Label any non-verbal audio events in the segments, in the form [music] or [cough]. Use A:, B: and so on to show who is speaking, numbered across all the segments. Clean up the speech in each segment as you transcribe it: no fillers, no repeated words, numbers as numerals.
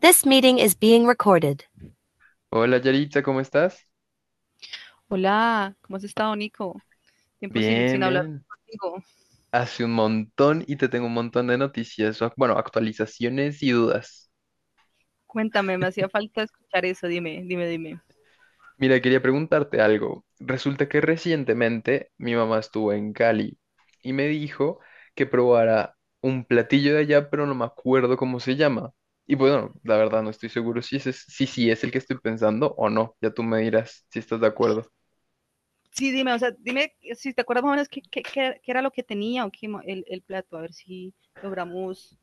A: This meeting is being recorded.
B: Hola Yaritza, ¿cómo estás?
A: Hola, ¿cómo has estado, Nico? Tiempo sin
B: Bien,
A: hablar
B: bien.
A: contigo.
B: Hace un montón y te tengo un montón de noticias, o bueno, actualizaciones y dudas.
A: Cuéntame, me hacía falta escuchar eso. Dime, dime, dime.
B: Mira, quería preguntarte algo. Resulta que recientemente mi mamá estuvo en Cali y me dijo que probara un platillo de allá, pero no me acuerdo cómo se llama. Y bueno, la verdad no estoy seguro si ese es, si, sí es el que estoy pensando o no. Ya tú me dirás si estás de acuerdo.
A: Sí, dime, o sea, dime si te acuerdas más o menos qué era lo que tenía o qué el plato, a ver si logramos.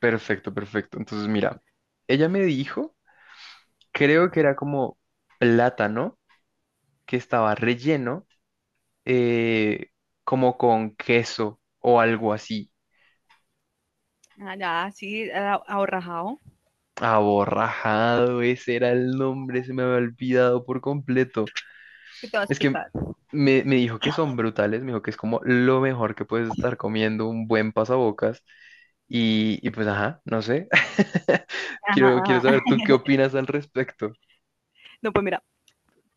B: Perfecto, perfecto. Entonces, mira, ella me dijo, creo que era como plátano que estaba relleno eh, como con queso o algo así.
A: Ah, ya, sí, ahorrajado.
B: Aborrajado, ese era el nombre, se me había olvidado por completo.
A: Es que te voy a
B: Es que
A: explicar.
B: me dijo que son brutales, me dijo que es como lo mejor que puedes estar comiendo, un buen pasabocas. Y pues, ajá, no sé. [laughs]
A: Ajá,
B: Quiero
A: ajá.
B: saber tú qué opinas al respecto.
A: No, pues mira,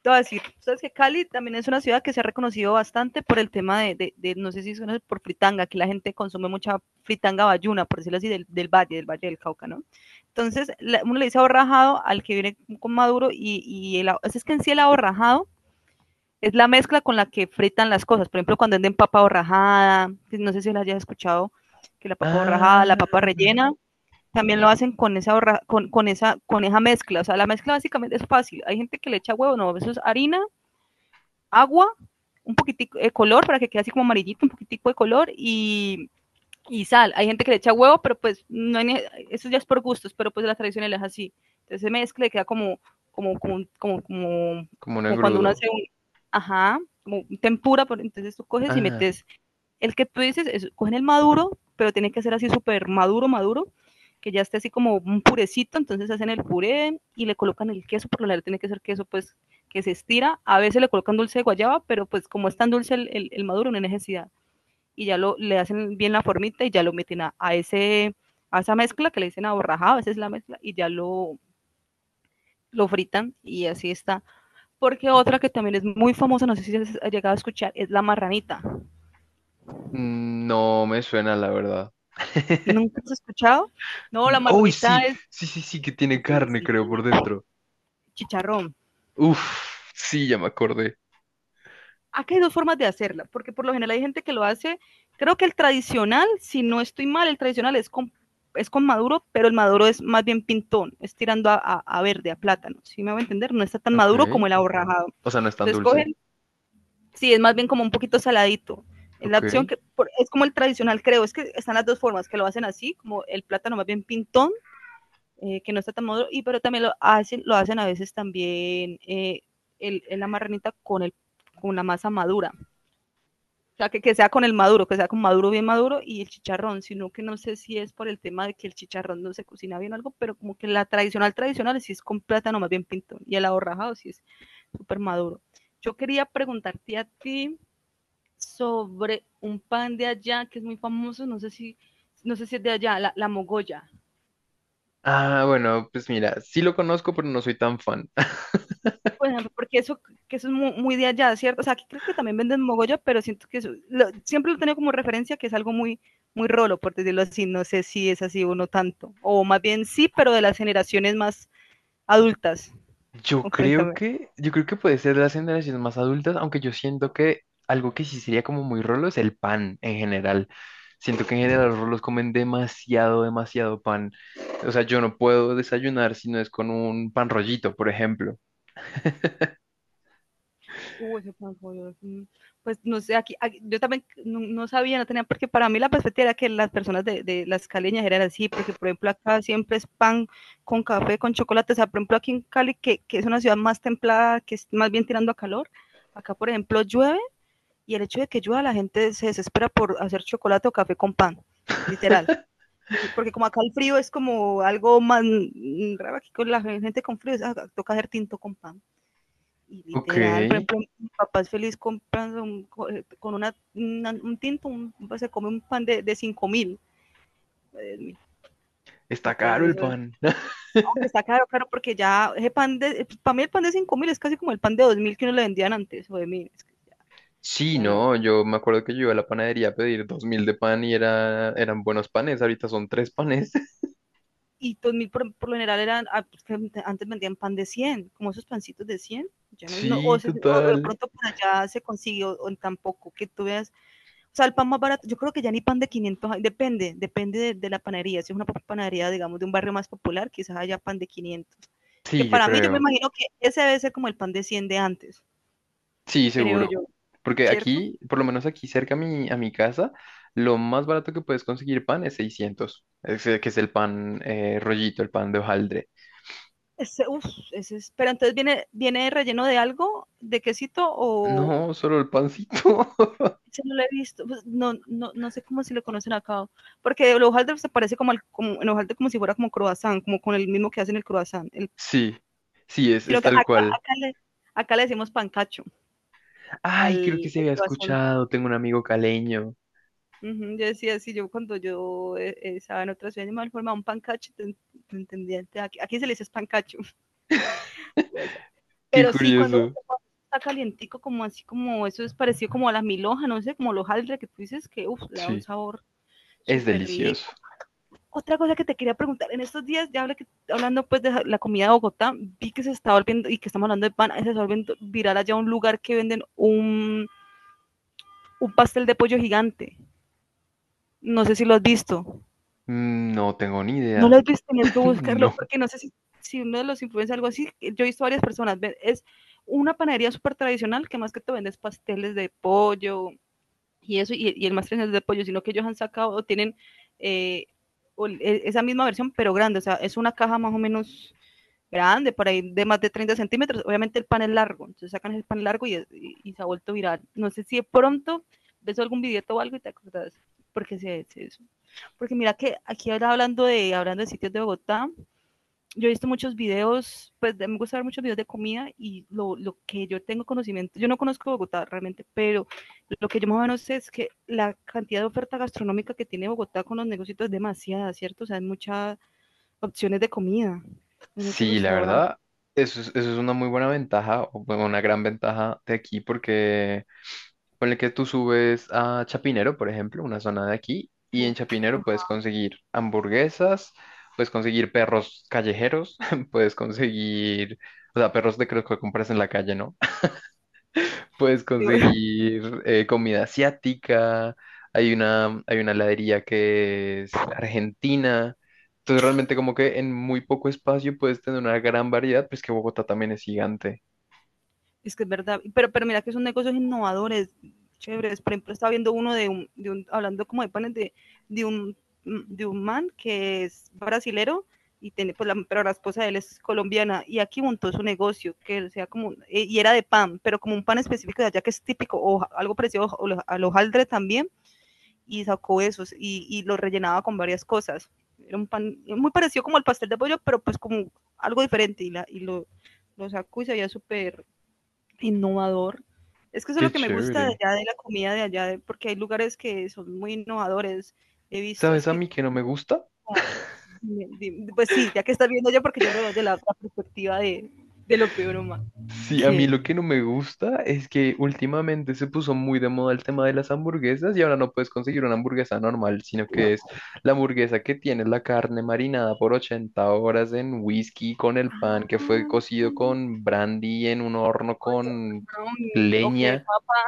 A: te voy a decir, sabes que Cali también es una ciudad que se ha reconocido bastante por el tema de no sé si suena por fritanga, que la gente consume mucha fritanga bayuna, por decirlo así, del valle del Cauca, ¿no? Entonces, uno le dice ahorrajado al que viene con maduro y pues es que en sí el ahorrajado es la mezcla con la que fritan las cosas. Por ejemplo, cuando venden papa borrajada, no sé si la hayas escuchado, que la papa borrajada, la
B: Ah,
A: papa rellena, también lo hacen con esa, con esa mezcla. O sea, la mezcla básicamente es fácil. Hay gente que le echa huevo, no, eso es harina, agua, un poquitico de color para que quede así como amarillito, un poquitico de color y sal. Hay gente que le echa huevo, pero pues no hay eso ya es por gustos, pero pues la tradicional es así. Entonces se mezcla y queda como, como, como, como, como,
B: como un
A: como cuando uno
B: engrudo.
A: hace un, ajá, como tempura, entonces tú coges y
B: Ah,
A: metes el que tú dices, cogen el maduro, pero tiene que ser así súper maduro, maduro, que ya esté así como un purecito, entonces hacen el puré y le colocan el queso, por lo general tiene que ser queso pues que se estira, a veces le colocan dulce de guayaba, pero pues como es tan dulce el maduro no hay necesidad, y ya le hacen bien la formita y ya lo meten a esa mezcla que le dicen aborrajado, a veces la mezcla, y ya lo fritan y así está. Porque otra que también es muy famosa, no sé si has llegado a escuchar, es la marranita.
B: no me suena, la verdad. [laughs]
A: ¿Nunca has escuchado? No, la
B: Uy,
A: marranita
B: sí,
A: es
B: sí, sí, sí, que tiene
A: sí,
B: carne,
A: sí,
B: creo,
A: sí,
B: por dentro.
A: chicharrón.
B: Uf, sí, ya me acordé.
A: Acá hay dos formas de hacerla, porque por lo general hay gente que lo hace, creo que el tradicional, si no estoy mal, el tradicional es con, maduro, pero el maduro es más bien pintón, es tirando a verde, a plátano, si ¿sí me voy a entender? No está tan
B: Ok.
A: maduro como el aborrajado.
B: O sea, no es tan
A: Entonces
B: dulce.
A: cogen, sí, es más bien como un poquito saladito. La
B: Ok.
A: opción es como el tradicional, creo, es que están las dos formas, que lo hacen así, como el plátano más bien pintón, que no está tan maduro, pero también lo hacen a veces también, el la marranita con la masa madura. O sea, que sea con el maduro, que sea con maduro bien maduro y el chicharrón, sino que no sé si es por el tema de que el chicharrón no se cocina bien o algo, pero como que la tradicional tradicional sí es con plátano más bien pintón y el ahorrajado sí es súper maduro. Yo quería preguntarte a ti sobre un pan de allá que es muy famoso, no sé si es de allá, la mogolla.
B: Ah, bueno, pues mira, sí lo conozco, pero no soy tan fan.
A: Bueno, porque eso es muy, muy, de allá, ¿cierto? O sea, aquí creo que también venden Mogollón, pero siento que siempre lo tengo como referencia que es algo muy, muy rolo, por decirlo así. No sé si es así o no tanto. O más bien sí, pero de las generaciones más adultas.
B: [laughs] Yo
A: Oh,
B: creo
A: cuéntame.
B: que, yo creo que puede ser de las generaciones más adultas, aunque yo siento que algo que sí sería como muy rolo es el pan en general. Siento que en general los rolos comen demasiado, demasiado pan. O sea, yo no puedo desayunar si no es con un pan rollito, por ejemplo.
A: Uy, ese pan pollo. Pues no sé, yo también no sabía, no tenía, porque para mí la perspectiva era que las personas de las caleñas eran así, porque por ejemplo acá siempre es pan con café, con chocolate, o sea, por ejemplo aquí en Cali, que es una ciudad más templada, que es más bien tirando a calor, acá por ejemplo llueve y el hecho de que llueva la gente se desespera por hacer chocolate o café con pan, literal.
B: [laughs]
A: No, porque como acá el frío es como algo más, raro aquí con la gente con frío, es, "Ah, toca hacer tinto con pan". Y
B: Ok,
A: literal, por ejemplo, mi papá es feliz comprando un tinto, pues, se come un pan de 5.000.
B: está
A: Entonces,
B: caro el
A: eso es,
B: pan.
A: aunque está caro, claro, porque ya ese pan de, para mí el pan de 5.000 es casi como el pan de 2.000 que uno le vendían antes, o de 1.000, es que ya,
B: Sí,
A: ya no.
B: no, yo me acuerdo que yo iba a la panadería a pedir 2.000 de pan y eran buenos panes, ahorita son tres panes. [laughs]
A: Y 2.000 por lo general eran, ah, pues, que antes vendían pan de 100, como esos pancitos de 100 ya no, no o,
B: Sí,
A: se- O de
B: total.
A: pronto por allá se consiguió, o tampoco, que tú veas. O sea, el pan más barato, yo creo que ya ni pan de 500, depende la panadería. Si es una panadería, digamos, de un barrio más popular, quizás haya pan de 500. Que
B: Sí, yo
A: para mí, yo me
B: creo.
A: imagino que ese debe ser como el pan de 100 de antes,
B: Sí,
A: creo
B: seguro.
A: yo,
B: Porque
A: ¿cierto?
B: aquí, por lo menos aquí cerca a mi casa, lo más barato que puedes conseguir pan es 600. Es, que es el pan rollito, el pan de hojaldre.
A: Ese, uf, ese es, pero entonces viene relleno de algo, de quesito o,
B: No, solo el pancito. [laughs]
A: ese no lo he visto, pues no sé cómo se le conocen acá, porque el hojaldre se parece como el hojaldre, como si fuera como croissant, como con el mismo que hacen el croissant,
B: Sí, sí, es,
A: sino
B: es
A: que
B: tal cual.
A: acá le decimos pancacho,
B: Ay, creo que
A: al
B: se
A: al
B: había
A: cloazón.
B: escuchado, tengo un amigo caleño.
A: Ujú, yo decía, sí, yo cuando yo, estaba en otra ciudad, yo me formaba un pancacho, te entendía, te aquí aquí se le dice es pancacho, [laughs] o sea,
B: Qué
A: pero sí, cuando
B: curioso.
A: cuando está calientico, como así como eso es parecido como a la milhoja, no sé, como los hojaldre que tú dices que, uf, le da un
B: Sí,
A: sabor
B: es
A: súper
B: delicioso.
A: rico. Otra cosa que te quería preguntar, en estos días, ya hablando, pues, de ja la comida de Bogotá, vi que se está volviendo, y que estamos hablando de pan, se está volviendo viral allá un lugar que venden un pastel de pollo gigante. No sé si lo has visto.
B: No tengo ni
A: No lo
B: idea.
A: has visto, tenías que
B: [laughs]
A: buscarlo,
B: No.
A: porque no sé si uno de los influencers, algo así, yo he visto varias personas, es una panadería súper tradicional que más que te vendes pasteles de pollo, y eso, y el más tres es de pollo, sino que ellos han sacado, tienen, eh, esa misma versión, pero grande, o sea, es una caja más o menos grande, por ahí de más de 30 centímetros. Obviamente el pan es largo, entonces sacan el pan largo y se ha vuelto viral. No sé si de pronto ves algún video o algo y te acordás, porque se eso. Porque mira que aquí ahora hablando de, sitios de Bogotá, yo he visto muchos videos, pues me gusta ver muchos videos de comida y lo que yo tengo conocimiento, yo no conozco Bogotá realmente, pero lo que yo más o menos sé es que la cantidad de oferta gastronómica que tiene Bogotá con los negocios es demasiada, ¿cierto? O sea, hay muchas opciones de comida, hay muchos
B: Sí, la
A: restaurantes.
B: verdad, eso es una muy buena ventaja, o bueno, una gran ventaja de aquí, porque ponle que tú subes a Chapinero, por ejemplo, una zona de aquí, y en Chapinero puedes conseguir hamburguesas, puedes conseguir perros callejeros, [laughs] puedes conseguir, o sea, perros de que los que compras en la calle, ¿no? Puedes
A: Digo,
B: conseguir comida asiática, hay una heladería que es argentina. Entonces realmente como que en muy poco espacio puedes tener una gran variedad, pues que Bogotá también es gigante.
A: es que es verdad, pero mira que son negocios innovadores, chéveres. Por ejemplo, estaba viendo uno de un, hablando como de panes de, un, de un man que es brasilero y tiene, pues, pero la esposa de él es colombiana y aquí montó su negocio, que sea como, y era de pan, pero como un pan específico de allá que es típico o ja, algo parecido al hojaldre también y sacó esos y lo rellenaba con varias cosas. Era un pan muy parecido como al pastel de pollo, pero pues como algo diferente y lo sacó y se veía súper innovador. Es que eso es lo
B: Qué
A: que me gusta de
B: chévere.
A: allá, de la comida de allá, porque hay lugares que son muy innovadores. He visto, es
B: ¿Sabes a
A: que,
B: mí que no me gusta?
A: ah, dime, pues sí, ya que estás viendo yo, porque yo lo veo de la otra perspectiva de lo peor humano.
B: Sí, a mí
A: ¿Qué?
B: lo que no me gusta es que últimamente se puso muy de moda el tema de las hamburguesas y ahora no puedes conseguir una hamburguesa normal, sino que es la hamburguesa que tiene la carne marinada por 80 horas en whisky con el pan que fue
A: Ah,
B: cocido con brandy en un horno
A: oye,
B: con
A: camarón, o que
B: leña.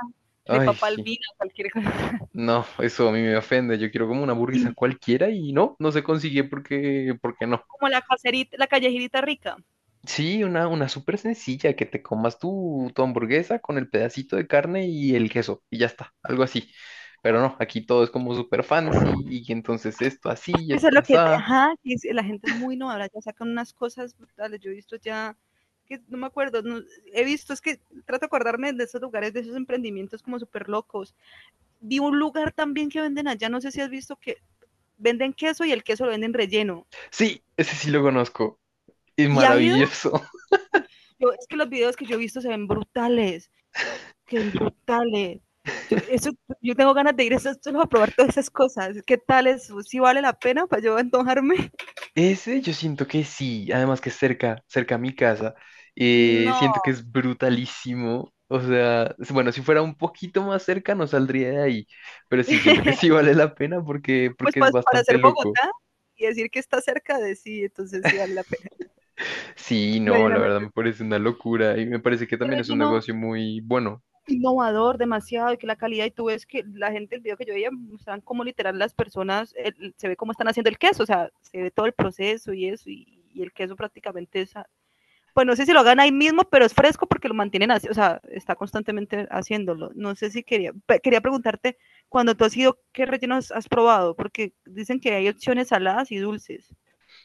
A: de
B: Ay,
A: papa,
B: sí.
A: albina, cualquier cosa. [laughs]
B: No, eso a mí me ofende. Yo quiero como una hamburguesa
A: Y
B: cualquiera y no, no se consigue porque no.
A: como la caserita, la callejerita rica.
B: Sí, una súper sencilla, que te comas tu hamburguesa con el pedacito de carne y el queso, y ya está, algo así. Pero no, aquí todo es como súper fancy, y entonces esto así,
A: Eso es
B: esto
A: lo que,
B: asá.
A: ajá, la gente es muy innovadora, ya sacan unas cosas brutales. Yo he visto ya, que no me acuerdo, he visto, es que trato de acordarme de esos lugares, de esos emprendimientos como súper locos. Vi un lugar también que venden allá, no sé si has visto que venden queso y el queso lo venden relleno.
B: Sí, ese sí lo conozco, es
A: ¿Y has ido?
B: maravilloso.
A: Yo, es que los videos que yo he visto se ven brutales, que ven brutales. Yo,
B: [laughs]
A: eso, yo tengo ganas de ir eso, solo a probar todas esas cosas. ¿Qué tal eso? ¿Si vale la pena para yo antojarme? [laughs]
B: Ese yo siento que sí, además que es cerca, cerca a mi casa,
A: No.
B: siento que es brutalísimo. O sea, bueno, si fuera un poquito más cerca no saldría de ahí, pero sí, siento que
A: [laughs]
B: sí vale la pena porque,
A: Pues
B: porque es
A: para
B: bastante
A: ser
B: loco.
A: Bogotá y decir que está cerca de sí, entonces sí vale la pena.
B: Sí, no, la verdad
A: Medianamente.
B: me parece una locura y me parece que
A: Este
B: también es un
A: relleno
B: negocio muy bueno.
A: innovador demasiado, y que la calidad, y tú ves que la gente, el video que yo veía mostraban como literal las personas, el, se ve cómo están haciendo el queso, o sea se ve todo el proceso. Y eso, y el queso prácticamente es, pues no sé si lo hagan ahí mismo, pero es fresco porque lo mantienen así, o sea está constantemente haciéndolo. No sé si quería, preguntarte cuando tú has ido, qué rellenos has probado, porque dicen que hay opciones saladas y dulces,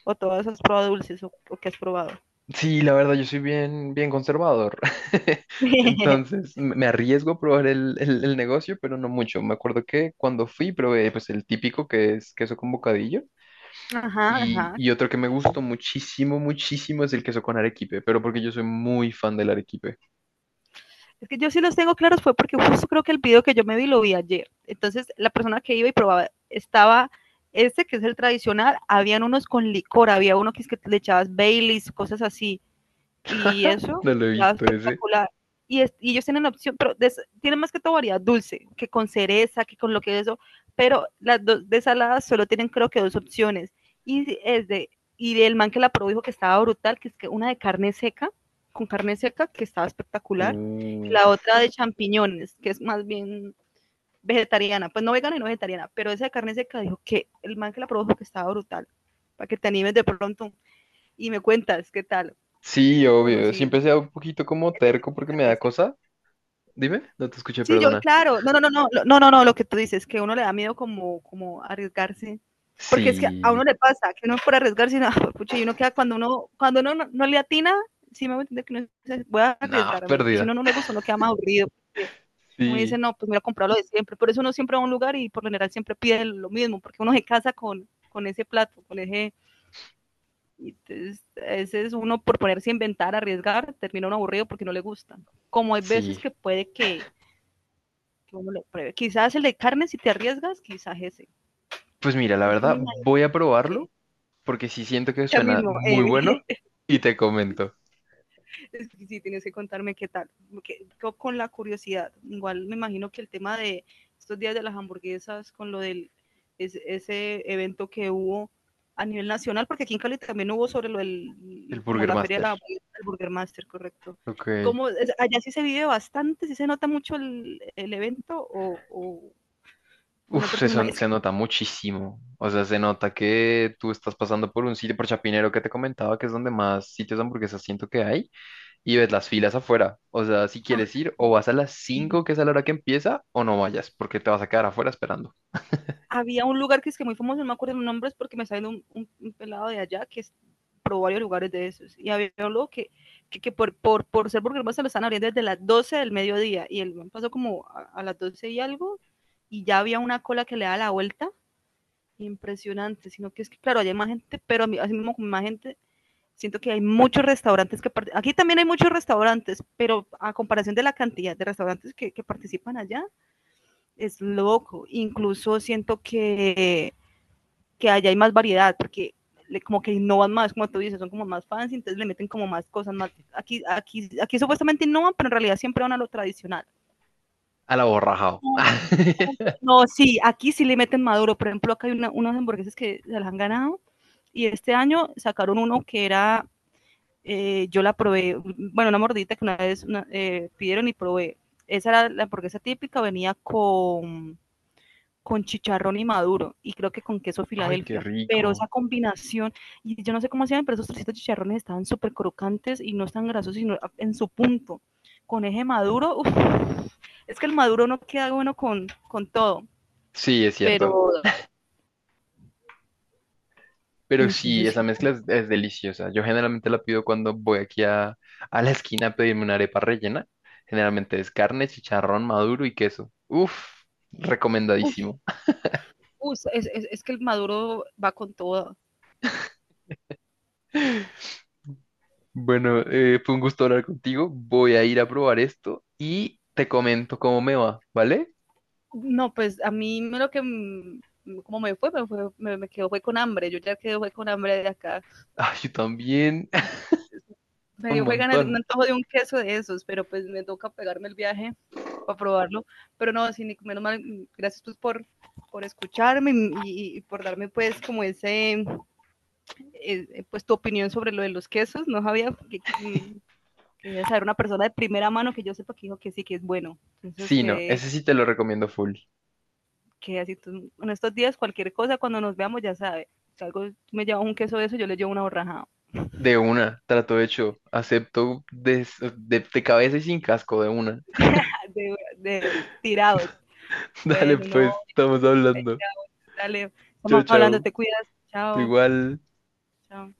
A: o todas has probado dulces, o que has probado.
B: Sí, la verdad yo soy bien, bien conservador. [laughs]
A: [laughs]
B: Entonces me arriesgo a probar el negocio, pero no mucho. Me acuerdo que cuando fui probé pues el típico que es queso con bocadillo
A: Ajá,
B: y,
A: ajá.
B: y otro que me gustó muchísimo, muchísimo es el queso con arequipe, pero porque yo soy muy fan del arequipe.
A: Es que yo sí los tengo claros, fue porque justo creo que el video que yo me vi lo vi ayer. Entonces la persona que iba y probaba estaba, este, que es el tradicional, habían unos con licor, había uno que es que le echabas Baileys, cosas así. Y eso,
B: No
A: y
B: lo he
A: quedaba
B: visto ese.
A: espectacular. Y, es, y ellos tienen opción, pero de, tienen más que todo variedad dulce, que con cereza, que con lo que es eso, pero las dos de saladas solo tienen creo que dos opciones. Y si es de, y el man que la probó dijo que estaba brutal, que es que una de carne seca, con carne seca, que estaba espectacular, y la
B: Uf.
A: otra de champiñones, que es más bien vegetariana, pues no vegana y no vegetariana, pero esa de carne seca dijo, que el man que la probó dijo que estaba brutal, para que te animes de pronto y me cuentas qué tal.
B: Sí,
A: Uf,
B: obvio.
A: sí,
B: Siempre sea un poquito como
A: hay que
B: terco porque me
A: explicarme
B: da
A: eso.
B: cosa. Dime, no te escuché,
A: Sí, yo,
B: perdona.
A: claro, no, no, no, no, no, no, no, lo que tú dices, que uno le da miedo como, como arriesgarse, porque es que a uno
B: Sí,
A: le pasa, que uno por arriesgarse, no, [laughs] pucha, y uno queda cuando uno no, no le atina, sí me voy a entender que uno dice, voy a
B: nada,
A: arriesgarme, y si uno
B: pérdida.
A: no le gusta, uno queda más aburrido, porque uno dice,
B: Sí,
A: no, pues mira, comprar lo de siempre, por eso uno siempre va a un lugar y por lo general siempre pide lo mismo, porque uno se casa con ese plato, con ese, y entonces, ese es uno, por ponerse a inventar, arriesgar, termina uno aburrido porque no le gusta, como hay veces
B: sí.
A: que puede que uno lo pruebe. Quizás el de carne, si te arriesgas, quizás ese.
B: Pues mira, la
A: Es que me
B: verdad,
A: imagino
B: voy a probarlo
A: que
B: porque sí siento que
A: ya
B: suena
A: mismo,
B: muy bueno
A: [laughs]
B: y te comento.
A: sí, tienes que contarme qué tal. Que, con la curiosidad, igual me imagino que el tema de estos días de las hamburguesas, con lo del, es, ese evento que hubo a nivel nacional, porque aquí en Cali también hubo sobre lo
B: El
A: del, como
B: Burger
A: la feria de
B: Master.
A: la del Burger Master, correcto.
B: Ok.
A: ¿Cómo, allá sí se vive bastante, sí se nota mucho el evento o, no,
B: Uf, se,
A: porque me,
B: son-
A: es, que,
B: se nota muchísimo. O sea, se nota que tú estás pasando por un sitio, por Chapinero que te comentaba, que es donde más sitios de hamburguesas siento que hay, y ves las filas afuera. O sea, si
A: ah,
B: quieres ir, o vas a las
A: sí,
B: 5 que es a la hora que empieza, o no vayas, porque te vas a quedar afuera esperando.
A: había un lugar que es que muy famoso, no me acuerdo los nombres porque me salió un, pelado de allá que es, probó varios lugares de esos. Y había un lugar que, por ser burger se lo están abriendo desde las doce del mediodía. Y él pasó como a, las 12 y algo y ya había una cola que le da la vuelta. Impresionante, sino que es que, claro, hay más gente, pero así mismo con más gente, siento que hay muchos restaurantes que participan, aquí también hay muchos restaurantes, pero a comparación de la cantidad de restaurantes que participan allá, es loco. Incluso siento que allá hay más variedad, porque le- como que innovan más, como tú dices, son como más fans, entonces le meten como más cosas, más, aquí, aquí supuestamente innovan, pero en realidad siempre van a lo tradicional.
B: A la borrajao. [laughs]
A: No, sí, aquí sí le meten maduro, por ejemplo, acá hay una- unas hamburguesas que se las han ganado, y este año sacaron uno que era, yo la probé, bueno, una mordita que una vez una- pidieron y probé, esa era la hamburguesa típica, venía con chicharrón y maduro y creo que con queso
B: Ay, qué
A: Filadelfia, pero esa
B: rico.
A: combinación, y yo no sé cómo hacían, pero esos trocitos de chicharrones estaban súper crocantes y no están grasos, sino en su punto. Con eje maduro, uf, es que el maduro no queda bueno con todo,
B: Sí, es cierto.
A: pero y
B: Pero sí,
A: entonces sí,
B: esa mezcla es deliciosa. Yo generalmente la pido cuando voy aquí a la esquina a pedirme una arepa rellena. Generalmente es carne, chicharrón maduro y queso. Uf,
A: uy,
B: recomendadísimo.
A: uy, es, es que el maduro va con todo.
B: Bueno, fue un gusto hablar contigo. Voy a ir a probar esto y te comento cómo me va, ¿vale? [laughs]
A: No, pues a mí me lo que como me fue, me, fue, me quedó fue con hambre. Yo ya quedé fue con hambre de acá.
B: Ah, yo también. [laughs]
A: Me
B: Un
A: dio fue ganas de un
B: montón.
A: antojo de un queso de esos, pero pues me toca pegarme el viaje para probarlo. Pero no, sí, Nico, menos mal, gracias pues por escucharme y por darme pues como ese, pues tu opinión sobre lo de los quesos. No sabía que quería saber una persona de primera mano que yo sepa que dijo que sí, que es bueno. Entonces
B: Sí, no,
A: quedé,
B: ese sí te lo recomiendo full.
A: que así, tú, en estos días cualquier cosa, cuando nos veamos ya sabe. Si algo me lleva un queso de eso, yo le llevo una borraja.
B: De una, trato hecho. Acepto de cabeza y sin casco, de una.
A: [laughs] De tirado,
B: [laughs] Dale,
A: bueno, no,
B: pues, estamos hablando.
A: dale,
B: Chao,
A: estamos hablando,
B: chao.
A: te cuidas, chao,
B: Igual.
A: chao.